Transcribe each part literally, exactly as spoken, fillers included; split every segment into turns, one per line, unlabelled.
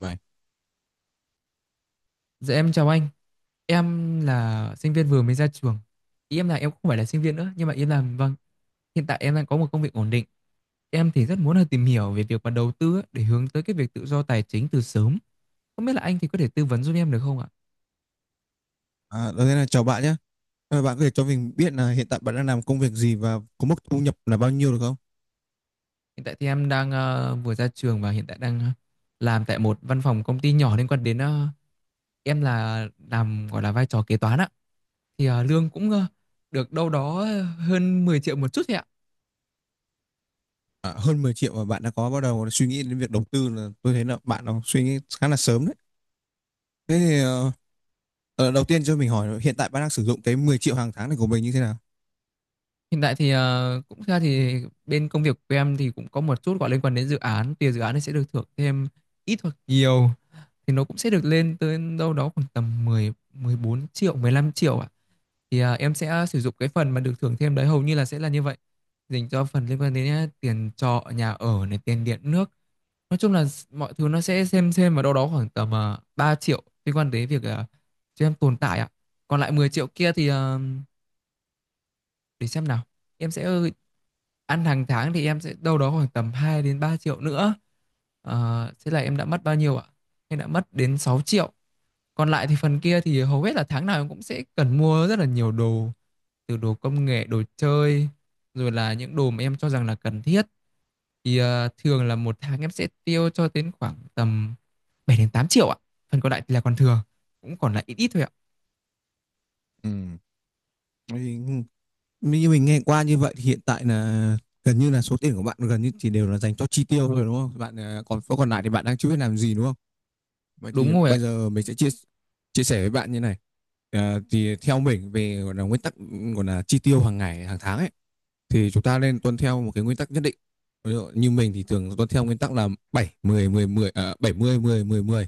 Vậy.
Dạ em chào anh. Em là sinh viên vừa mới ra trường. Ý em là em không phải là sinh viên nữa, nhưng mà em làm vâng, hiện tại em đang có một công việc ổn định. Em thì rất muốn là tìm hiểu về việc mà đầu tư á, để hướng tới cái việc tự do tài chính từ sớm. Không biết là anh thì có thể tư vấn giúp em được không ạ?
À, đầu tiên là chào bạn nhé. À, bạn có thể cho mình biết là hiện tại bạn đang làm công việc gì và có mức thu nhập là bao nhiêu được không?
Hiện tại thì em đang ờ, vừa ra trường và hiện tại đang ờ, làm tại một văn phòng công ty nhỏ liên quan đến ờ, em là làm gọi là vai trò kế toán ạ. Thì ờ, lương cũng ờ, được đâu đó hơn mười triệu một chút thôi ạ.
À, hơn mười triệu mà bạn đã có bắt đầu suy nghĩ đến việc đầu tư là tôi thấy là bạn nó suy nghĩ khá là sớm đấy. Thế thì ờ, ờ, đầu tiên cho mình hỏi là hiện tại bạn đang sử dụng cái mười triệu hàng tháng này của mình như thế nào?
Hiện tại thì ờ, cũng ra thì bên công việc của em thì cũng có một chút gọi liên quan đến dự án, tiền dự án thì sẽ được thưởng thêm ít hoặc nhiều thì nó cũng sẽ được lên tới đâu đó khoảng tầm mười mười bốn triệu, mười lăm triệu ạ. Thì ờ, em sẽ sử dụng cái phần mà được thưởng thêm đấy hầu như là sẽ là như vậy. Dành cho phần liên quan đến ờ, tiền trọ, nhà ở này, tiền điện nước. Nói chung là s- mọi thứ nó sẽ xem xem vào đâu đó khoảng tầm uh, ba triệu liên quan đến việc uh, cho em tồn tại ạ. Còn lại mười triệu kia thì ờ, để xem nào, em sẽ ờ, ăn hàng tháng thì em sẽ đâu đó khoảng tầm hai đến ba triệu nữa. Ờ, thế là em đã mất bao nhiêu ạ, em đã mất đến sáu triệu. Còn lại thì phần kia thì hầu hết là tháng nào em cũng sẽ cần mua rất là nhiều đồ, từ đồ công nghệ, đồ chơi, rồi là những đồ mà em cho rằng là cần thiết, thì ờ, thường là một tháng em sẽ tiêu cho đến khoảng tầm bảy đến tám triệu ạ. Phần còn lại thì là còn thừa, cũng còn lại ít ít thôi ạ.
Ừ. Bởi Vì như mình nghe qua như vậy thì hiện tại là gần như là số tiền của bạn gần như chỉ đều là dành cho chi tiêu thôi, đúng không? Bạn ờ, còn còn lại thì bạn đang chưa biết làm gì, đúng không? Vậy
Đúng
thì
rồi ạ.
bây giờ mình sẽ chia chia sẻ với bạn như này. Ờ, thì theo mình về gọi là nguyên tắc gọi là chi tiêu hàng ngày, hàng tháng ấy thì chúng ta nên tuân theo một cái nguyên tắc nhất định. Ví dụ như mình thì thường tuân theo nguyên tắc là bảy mười mười mười à, bảy mươi mười mười mười.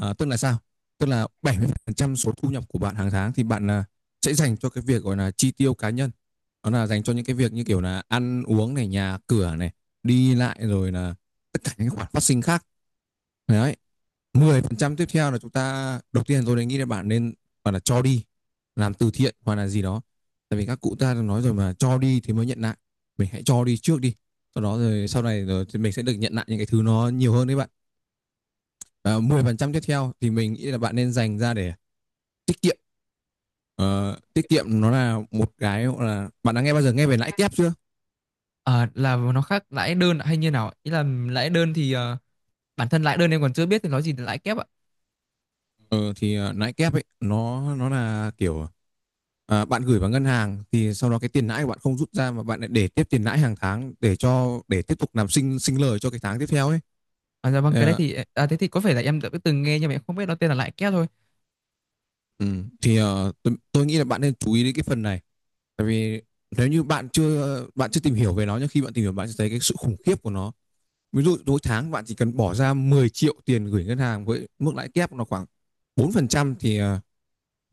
À, tức là sao? Tức là bảy mươi phần trăm số thu nhập của bạn hàng tháng thì bạn là sẽ dành cho cái việc gọi là chi tiêu cá nhân. Đó là dành cho những cái việc như kiểu là ăn uống này, nhà cửa này, đi lại, rồi là tất cả những khoản phát sinh khác. Đấy, mười phần trăm tiếp theo là chúng ta đầu tiên tôi đã nghĩ là bạn nên bạn là cho đi, làm từ thiện hoặc là gì đó, tại vì các cụ ta đã nói rồi mà cho đi thì mới nhận lại, mình hãy cho đi trước đi, sau đó rồi sau này rồi thì mình sẽ được nhận lại những cái thứ nó nhiều hơn đấy bạn. À, mười phần trăm tiếp theo thì mình nghĩ là bạn nên dành ra để tiết kiệm. Ờ, tiết kiệm nó là một cái là bạn đã nghe bao giờ nghe về lãi kép chưa?
Ờ, là nó khác lãi đơn hay như nào ạ? Ý là lãi đơn thì ờ, bản thân lại đơn em còn chưa biết thì nói gì là lãi kép ạ.
Ờ, thì ờ, lãi kép ấy nó nó là kiểu à, bạn gửi vào ngân hàng thì sau đó cái tiền lãi của bạn không rút ra mà bạn lại để tiếp tiền lãi hàng tháng để cho để tiếp tục làm sinh sinh lời cho cái tháng tiếp theo ấy.
À, dạ vâng, cái đấy
à,
thì à, thế thì có phải là em đã từng nghe nhưng mà em không biết nó tên là lãi kép thôi.
ừ, thì ờ, tôi, tôi nghĩ là bạn nên chú ý đến cái phần này, tại vì nếu như bạn chưa bạn chưa tìm hiểu về nó nhưng khi bạn tìm hiểu bạn sẽ thấy cái sự khủng khiếp của nó. Ví dụ mỗi tháng bạn chỉ cần bỏ ra mười triệu tiền gửi ngân hàng với mức lãi kép nó khoảng bốn phần trăm thì ờ,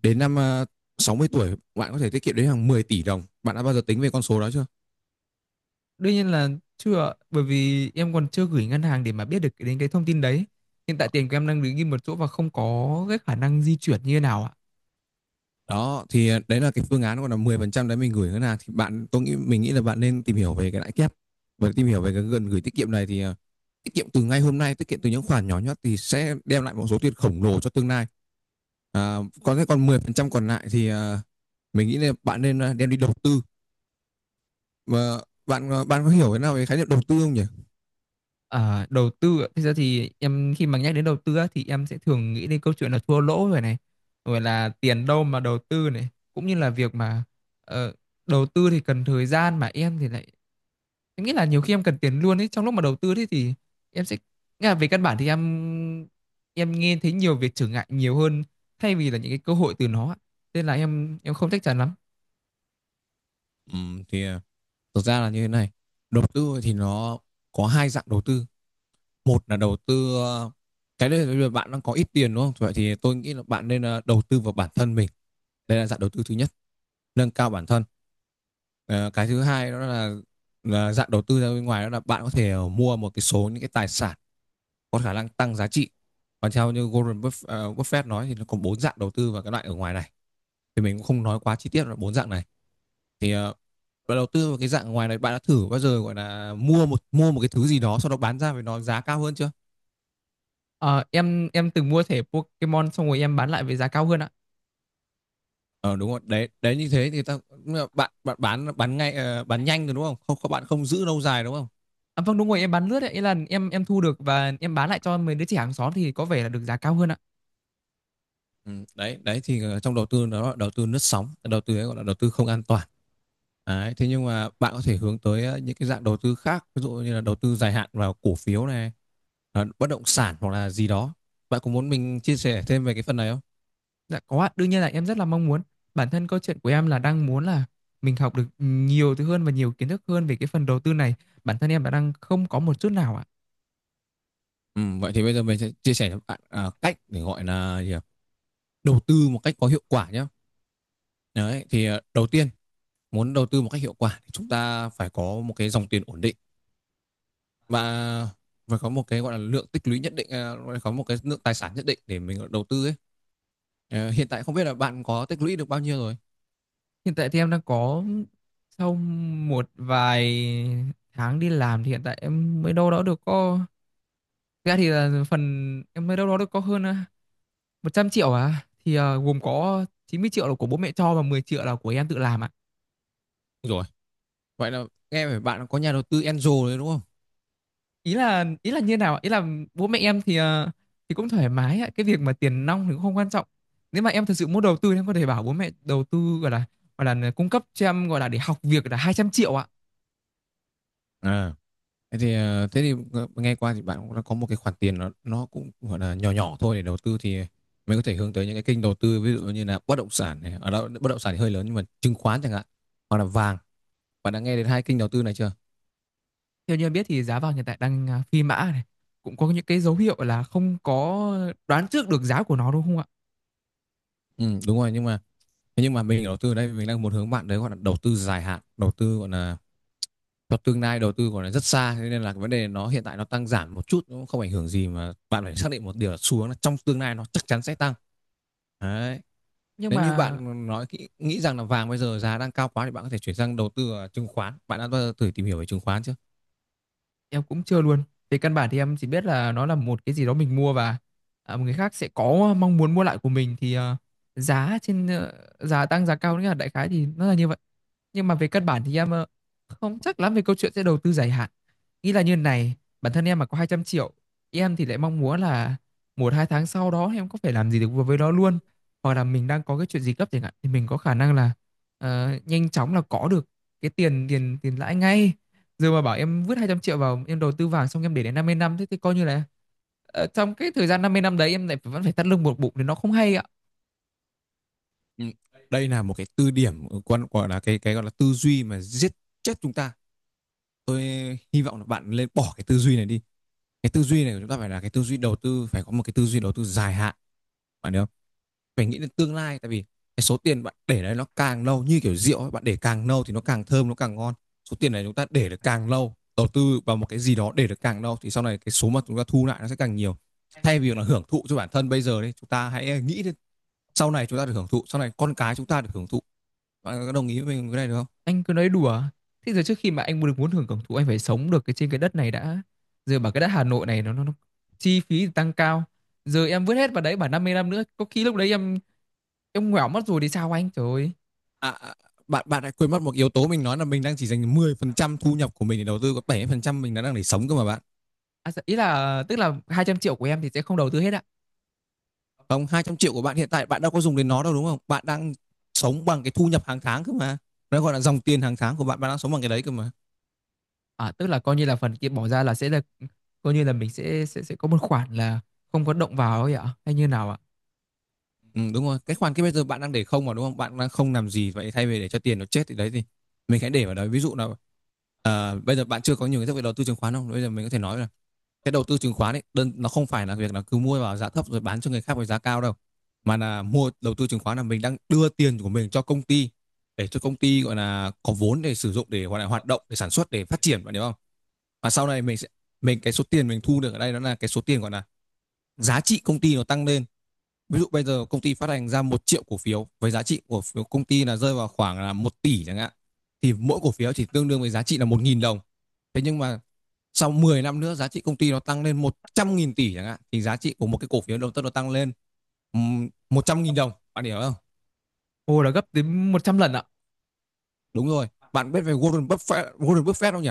đến năm à, sáu mươi tuổi bạn có thể tiết kiệm đến hàng mười tỷ đồng. Bạn đã bao giờ tính về con số đó chưa?
Đương nhiên là chưa ạ, bởi vì em còn chưa gửi ngân hàng để mà biết được cái- đến cái thông tin đấy. Hiện tại tiền của em đang đứng im một chỗ và không có cái khả năng di chuyển như thế nào ạ.
Đó, thì, ờ, đấy là cái phương án. Còn là mười phần trăm đấy mình gửi ngân hàng thì bạn tôi nghĩ mình nghĩ là bạn nên tìm hiểu về cái lãi kép. Và tìm hiểu về cái gần gửi tiết kiệm này thì ờ, tiết kiệm từ ngay hôm nay, tiết kiệm từ những khoản nhỏ nhất thì sẽ đem lại một số tiền khổng lồ cho tương lai. À, còn thế còn mười phần trăm còn lại thì ờ, mình nghĩ là bạn nên ờ, đem đi đầu tư. Và bạn ờ, bạn có hiểu thế nào về khái niệm đầu tư không nhỉ?
À, đầu tư ạ. Thực ra thì em khi mà nhắc đến đầu tư á, thì em sẽ thường nghĩ đến câu chuyện là thua lỗ rồi này, rồi là tiền đâu mà đầu tư này, cũng như là việc mà ờ, đầu tư thì cần thời gian mà em thì lại, em nghĩ là nhiều khi em cần tiền luôn ấy trong lúc mà đầu tư, thế thì em sẽ, nghĩa là về căn bản thì em em nghe thấy nhiều việc trở ngại nhiều hơn thay vì là những cái cơ hội từ nó ạ. Nên là em em không chắc chắn lắm.
Ừm, thì ờ, thực ra là như thế này. Đầu tư thì nó có hai dạng đầu tư. Một là đầu tư ờ, cái đấy là bây bạn đang có ít tiền, đúng không? Vậy thì tôi nghĩ là bạn nên ờ, đầu tư vào bản thân mình, đây là dạng đầu tư thứ nhất, nâng cao bản thân. Ờ, cái thứ hai đó là, là dạng đầu tư ra bên ngoài, đó là bạn có thể ờ, mua một cái số những cái tài sản có khả năng tăng giá trị. Và theo như Warren ờ, Buffett nói thì nó có bốn dạng đầu tư vào cái loại ở ngoài này, thì mình cũng không nói quá chi tiết là bốn dạng này, thì ờ, đầu tư vào cái dạng ngoài này bạn đã thử bao giờ gọi là mua một mua một cái thứ gì đó sau đó bán ra với nó giá cao hơn chưa?
Ờ, em em từng mua thẻ Pokemon xong rồi em bán lại với giá cao hơn ạ.
Ờ, đúng rồi. Đấy, đấy như thế thì ta bạn bạn bán bán ngay ờ, bán nhanh rồi, đúng không? Không các bạn không giữ lâu dài, đúng không?
À, vâng, đúng rồi, em bán lướt ấy, ý là em em thu được và em bán lại cho mấy đứa trẻ hàng xóm thì có vẻ là được giá cao hơn ạ.
Ừ, đấy, đấy thì ờ, trong đầu tư nó là đầu tư lướt sóng, đầu tư ấy gọi là đầu tư không an toàn. Đấy, thế nhưng mà bạn có thể hướng tới ờ, những cái dạng đầu tư khác, ví dụ như là đầu tư dài hạn vào cổ phiếu này, ờ, bất động sản hoặc là gì đó. Bạn có muốn mình chia sẻ thêm về cái phần này không?
Dạ có ạ, đương nhiên là em rất là mong muốn. Bản thân câu chuyện của em là đang muốn là mình học được nhiều thứ hơn và nhiều kiến thức hơn về cái phần đầu tư này. Bản thân em đã đang không có một chút nào ạ.
Ừ, vậy thì bây giờ mình sẽ chia sẻ cho bạn à, cách để gọi là gì ạ? Đầu tư một cách có hiệu quả nhé. Đấy, thì ờ, đầu tiên muốn đầu tư một cách hiệu quả thì chúng ta phải có một cái dòng tiền ổn định và phải có một cái gọi là lượng tích lũy nhất định, à, phải có một cái lượng tài sản nhất định để mình đầu tư ấy. Ờ, hiện tại không biết là bạn có tích lũy được bao nhiêu rồi.
Hiện tại thì em đang có, sau một vài tháng đi làm thì hiện tại em mới đâu đó được có, thực ra thì là phần em mới đâu đó được có hơn à, một trăm triệu, à thì à, gồm có chín mươi triệu là của bố mẹ cho và mười triệu là của em tự làm ạ.
Rồi, vậy là nghe về bạn có nhà đầu tư Enzo đấy đúng không?
Ý là ý là như nào ạ? Ý là bố mẹ em thì à, thì cũng thoải mái ạ, cái việc mà tiền nong thì cũng không quan trọng. Nếu mà em thật sự muốn đầu tư thì em có thể bảo bố mẹ đầu tư, gọi là gọi là cung cấp cho em, gọi là để học việc, là hai trăm triệu ạ.
À, thế thì ờ, thế thì à, nghe qua thì bạn cũng đã có một cái khoản tiền nó nó cũng gọi là nhỏ nhỏ thôi để đầu tư thì mình có thể hướng tới những cái kênh đầu tư ví dụ như là bất động sản này, ở đó bất động sản thì hơi lớn nhưng mà chứng khoán chẳng hạn, hoặc là vàng. Bạn đã nghe đến hai kênh đầu tư này chưa?
Theo như em biết thì giá vàng hiện tại đang à, phi mã này, cũng có những cái dấu hiệu là không có đoán trước được giá của nó đúng không ạ?
Ừ, đúng rồi, nhưng mà thế nhưng mà mình đầu tư ở đây mình đang muốn hướng bạn đấy gọi là đầu tư dài hạn, đầu tư gọi là cho tương lai, đầu tư gọi là rất xa, thế nên là cái vấn đề nó hiện tại nó tăng giảm một chút nó cũng không ảnh hưởng gì, mà bạn phải xác định một điều là xu hướng là trong tương lai nó chắc chắn sẽ tăng đấy.
Nhưng
Nếu như
mà
bạn nói kỹ- nghĩ rằng là vàng bây giờ giá đang cao quá thì bạn có thể chuyển sang đầu tư ở chứng khoán. Bạn đã bao giờ thử tìm hiểu về chứng khoán chưa?
em cũng chưa luôn. Về căn bản thì em chỉ biết là nó là một cái gì đó mình mua và à, một người khác sẽ có mong muốn mua lại của mình, thì à, giá trên ờ, giá tăng giá cao, nghĩa là đại khái thì nó là như vậy. Nhưng mà về căn bản thì em ờ, không chắc lắm về câu chuyện sẽ đầu tư dài hạn. Nghĩ là như này, bản thân em mà có hai trăm triệu, em thì lại mong muốn là một hai tháng sau đó em có thể làm gì được với nó luôn, hoặc là mình đang có cái chuyện gì gấp chẳng hạn thì mình có khả năng là ờ, nhanh chóng là có được cái tiền tiền tiền lãi ngay. Giờ mà bảo em vứt hai trăm triệu vào em đầu tư vàng xong em để đến năm mươi năm, thế thì coi như là ờ, trong cái thời gian năm mươi năm đấy em lại vẫn phải thắt lưng buộc bụng thì nó không hay ạ.
Ừ. Đây là một cái tư điểm ừ, quan gọi là cái cái gọi là tư duy mà giết chết chúng ta. Tôi hy vọng là bạn nên bỏ cái tư duy này đi. Cái tư duy này của chúng ta phải là cái tư duy đầu tư, phải có một cái tư duy đầu tư dài hạn. Bạn hiểu không? Phải nghĩ đến tương lai, tại vì cái số tiền bạn để đấy nó càng lâu như kiểu rượu ấy, bạn để càng lâu thì nó càng thơm, nó càng ngon. Số tiền này chúng ta để được càng lâu, đầu tư vào một cái gì đó để được càng lâu thì sau này cái số mà chúng ta thu lại nó sẽ càng nhiều. Thay vì là hưởng thụ cho bản thân bây giờ đấy, chúng ta hãy nghĩ đến sau này chúng ta được hưởng thụ, sau này con cái chúng ta được hưởng thụ. Bạn có đồng ý với mình cái này được không?
Anh cứ nói đùa. Thế giờ trước khi mà anh muốn được muốn hưởng hưởng thụ anh phải sống được cái trên cái đất này đã. Giờ bảo cái đất Hà Nội này nó nó, nó chi phí thì tăng cao. Giờ em vứt hết vào đấy bảo năm mươi năm nữa có khi lúc đấy em em ngoẻo mất rồi thì sao anh? Trời ơi.
à, à, bạn bạn đã quên mất một yếu tố. Mình nói là mình đang chỉ dành mười phần trăm thu nhập của mình để đầu tư, có bảy mươi phần trăm mình đã đang để sống cơ mà bạn.
À, ý là tức là hai trăm triệu của em thì sẽ không đầu tư hết ạ.
Không, hai trăm triệu của bạn hiện tại bạn đâu có dùng đến nó đâu, đúng không? Bạn đang sống bằng cái thu nhập hàng tháng cơ mà, nó gọi là dòng tiền hàng tháng của bạn, bạn đang sống bằng cái đấy cơ mà.
À, tức là coi như là phần kia bỏ ra là sẽ là, coi như là mình sẽ sẽ sẽ có một khoản là không có động vào ấy ạ, hay như nào ạ?
Ừ, đúng rồi, cái khoản cái bây giờ bạn đang để không mà đúng không, bạn đang không làm gì. Vậy thay vì để cho tiền nó chết thì đấy thì mình hãy để vào đấy. Ví dụ là ờ, bây giờ bạn chưa có nhiều kiến thức về đầu tư chứng khoán không, bây giờ mình có thể nói là cái đầu tư chứng khoán ấy đơn nó không phải là việc là cứ mua vào giá thấp rồi bán cho người khác với giá cao đâu, mà là mua đầu tư chứng khoán là mình đang đưa tiền của mình cho công ty, để cho công ty gọi là có vốn để sử dụng, để gọi là hoạt động, để sản xuất, để phát triển, bạn hiểu không? Và sau này mình sẽ, mình cái số tiền mình thu được ở đây đó là cái số tiền gọi là giá trị công ty nó tăng lên. Ví dụ bây giờ công ty phát hành ra một triệu cổ phiếu với giá trị của phiếu công ty là rơi vào khoảng là một tỷ chẳng hạn, thì mỗi cổ phiếu chỉ tương đương với giá trị là một nghìn đồng. Thế nhưng mà sau mười năm nữa giá trị công ty nó tăng lên một trăm nghìn tỷ chẳng hạn, thì giá trị của một cái cổ phiếu đầu tư nó tăng lên một trăm nghìn đồng. Bạn hiểu không?
Ồ, là gấp đến trăm lần ạ.
Đúng rồi. Bạn biết về Warren Buffett, Warren Buffett không nhỉ?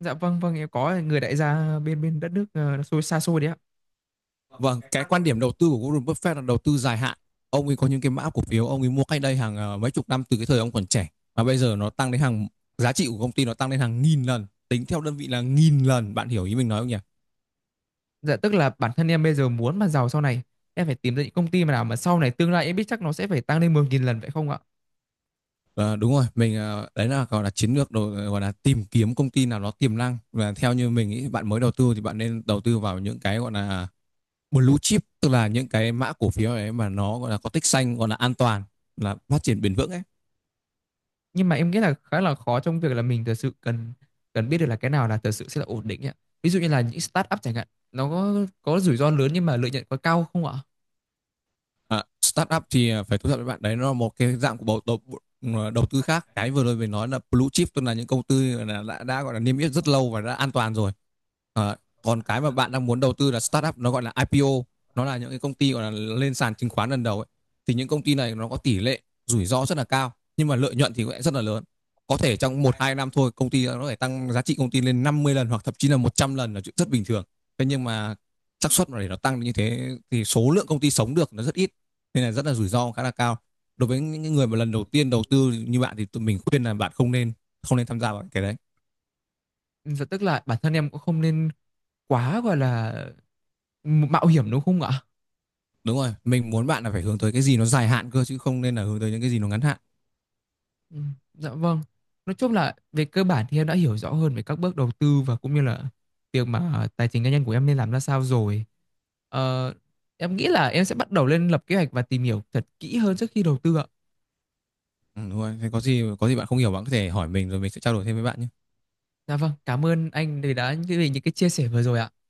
Dạ vâng vâng, em có người đại gia bên bên đất nước ờ, xôi xa xôi đấy ạ.
Vâng, cái quan điểm đầu tư của Warren Buffett là đầu tư dài hạn. Ông ấy có những cái mã cổ phiếu ông ấy mua cách đây hàng ờ, mấy chục năm, từ cái thời ông còn trẻ, mà bây giờ nó tăng đến hàng, giá trị của công ty nó tăng đến hàng nghìn lần, tính theo đơn vị là nghìn lần. Bạn hiểu ý mình nói không nhỉ?
Dạ tức là bản thân em bây giờ muốn mà giàu sau này em phải tìm ra những công ty mà nào mà sau này tương lai em biết chắc nó sẽ phải tăng lên mười nghìn lần vậy không ạ?
Ờ, đúng rồi, mình ờ, đấy là gọi là chiến lược đồ, gọi là tìm kiếm công ty nào nó tiềm năng, và theo như mình ý, bạn mới đầu tư thì bạn nên đầu tư vào những cái gọi là blue chip, tức là những cái mã cổ phiếu ấy mà nó gọi là có tích xanh, gọi là an toàn, là phát triển bền vững ấy.
Nhưng mà em nghĩ là khá là khó trong việc là mình thật sự cần cần biết được là cái nào là thật sự sẽ là ổn định ấy ạ. Ví dụ như là những start up chẳng hạn, nó có có rủi ro lớn nhưng mà lợi nhuận có cao không ạ?
À, startup thì à, phải thú thật với bạn đấy, nó là một cái dạng của đầu, đầu, à, đầu tư khác. Cái vừa rồi mình nói là blue chip tức là những công ty là đã, đã gọi là niêm yết rất lâu và đã an toàn rồi. à, Còn cái mà bạn đang muốn đầu tư là startup, nó gọi là i pê ô, nó là những cái công ty gọi là lên sàn chứng khoán lần đầu ấy. Thì những công ty này nó có tỷ lệ rủi ro rất là cao, nhưng mà lợi nhuận thì cũng rất là lớn. Có thể trong một hai năm thôi công ty nó có thể tăng giá trị công ty lên năm mươi lần hoặc thậm chí là một trăm lần là chuyện rất bình thường. Thế nhưng mà xác suất mà để nó tăng như thế thì số lượng công ty sống được nó rất ít, nên là rất là rủi ro, khá là cao. Đối với những người mà lần đầu tiên đầu tư như bạn thì tụi mình khuyên là bạn không nên, không nên tham gia vào cái đấy.
Và tức là bản thân em cũng không nên quá gọi là mạo hiểm đúng không ạ?
Đúng rồi, mình muốn bạn là phải hướng tới cái gì nó dài hạn cơ, chứ không nên là hướng tới những cái gì nó ngắn hạn.
Ừ. Dạ vâng. Nói chung là về cơ bản thì em đã hiểu rõ hơn về các bước đầu tư và cũng như là việc mà ờ, tài chính cá nhân của em nên làm ra sao rồi. Ờ, em nghĩ là em sẽ bắt đầu lên lập kế hoạch và tìm hiểu thật kỹ hơn trước khi đầu tư ạ.
Ừ, đúng rồi, thế có gì có gì bạn không hiểu bạn có thể hỏi mình, rồi mình sẽ trao đổi thêm với bạn nhé.
Dạ vâng, cảm ơn anh vì đã, vì những cái chia sẻ vừa rồi ạ.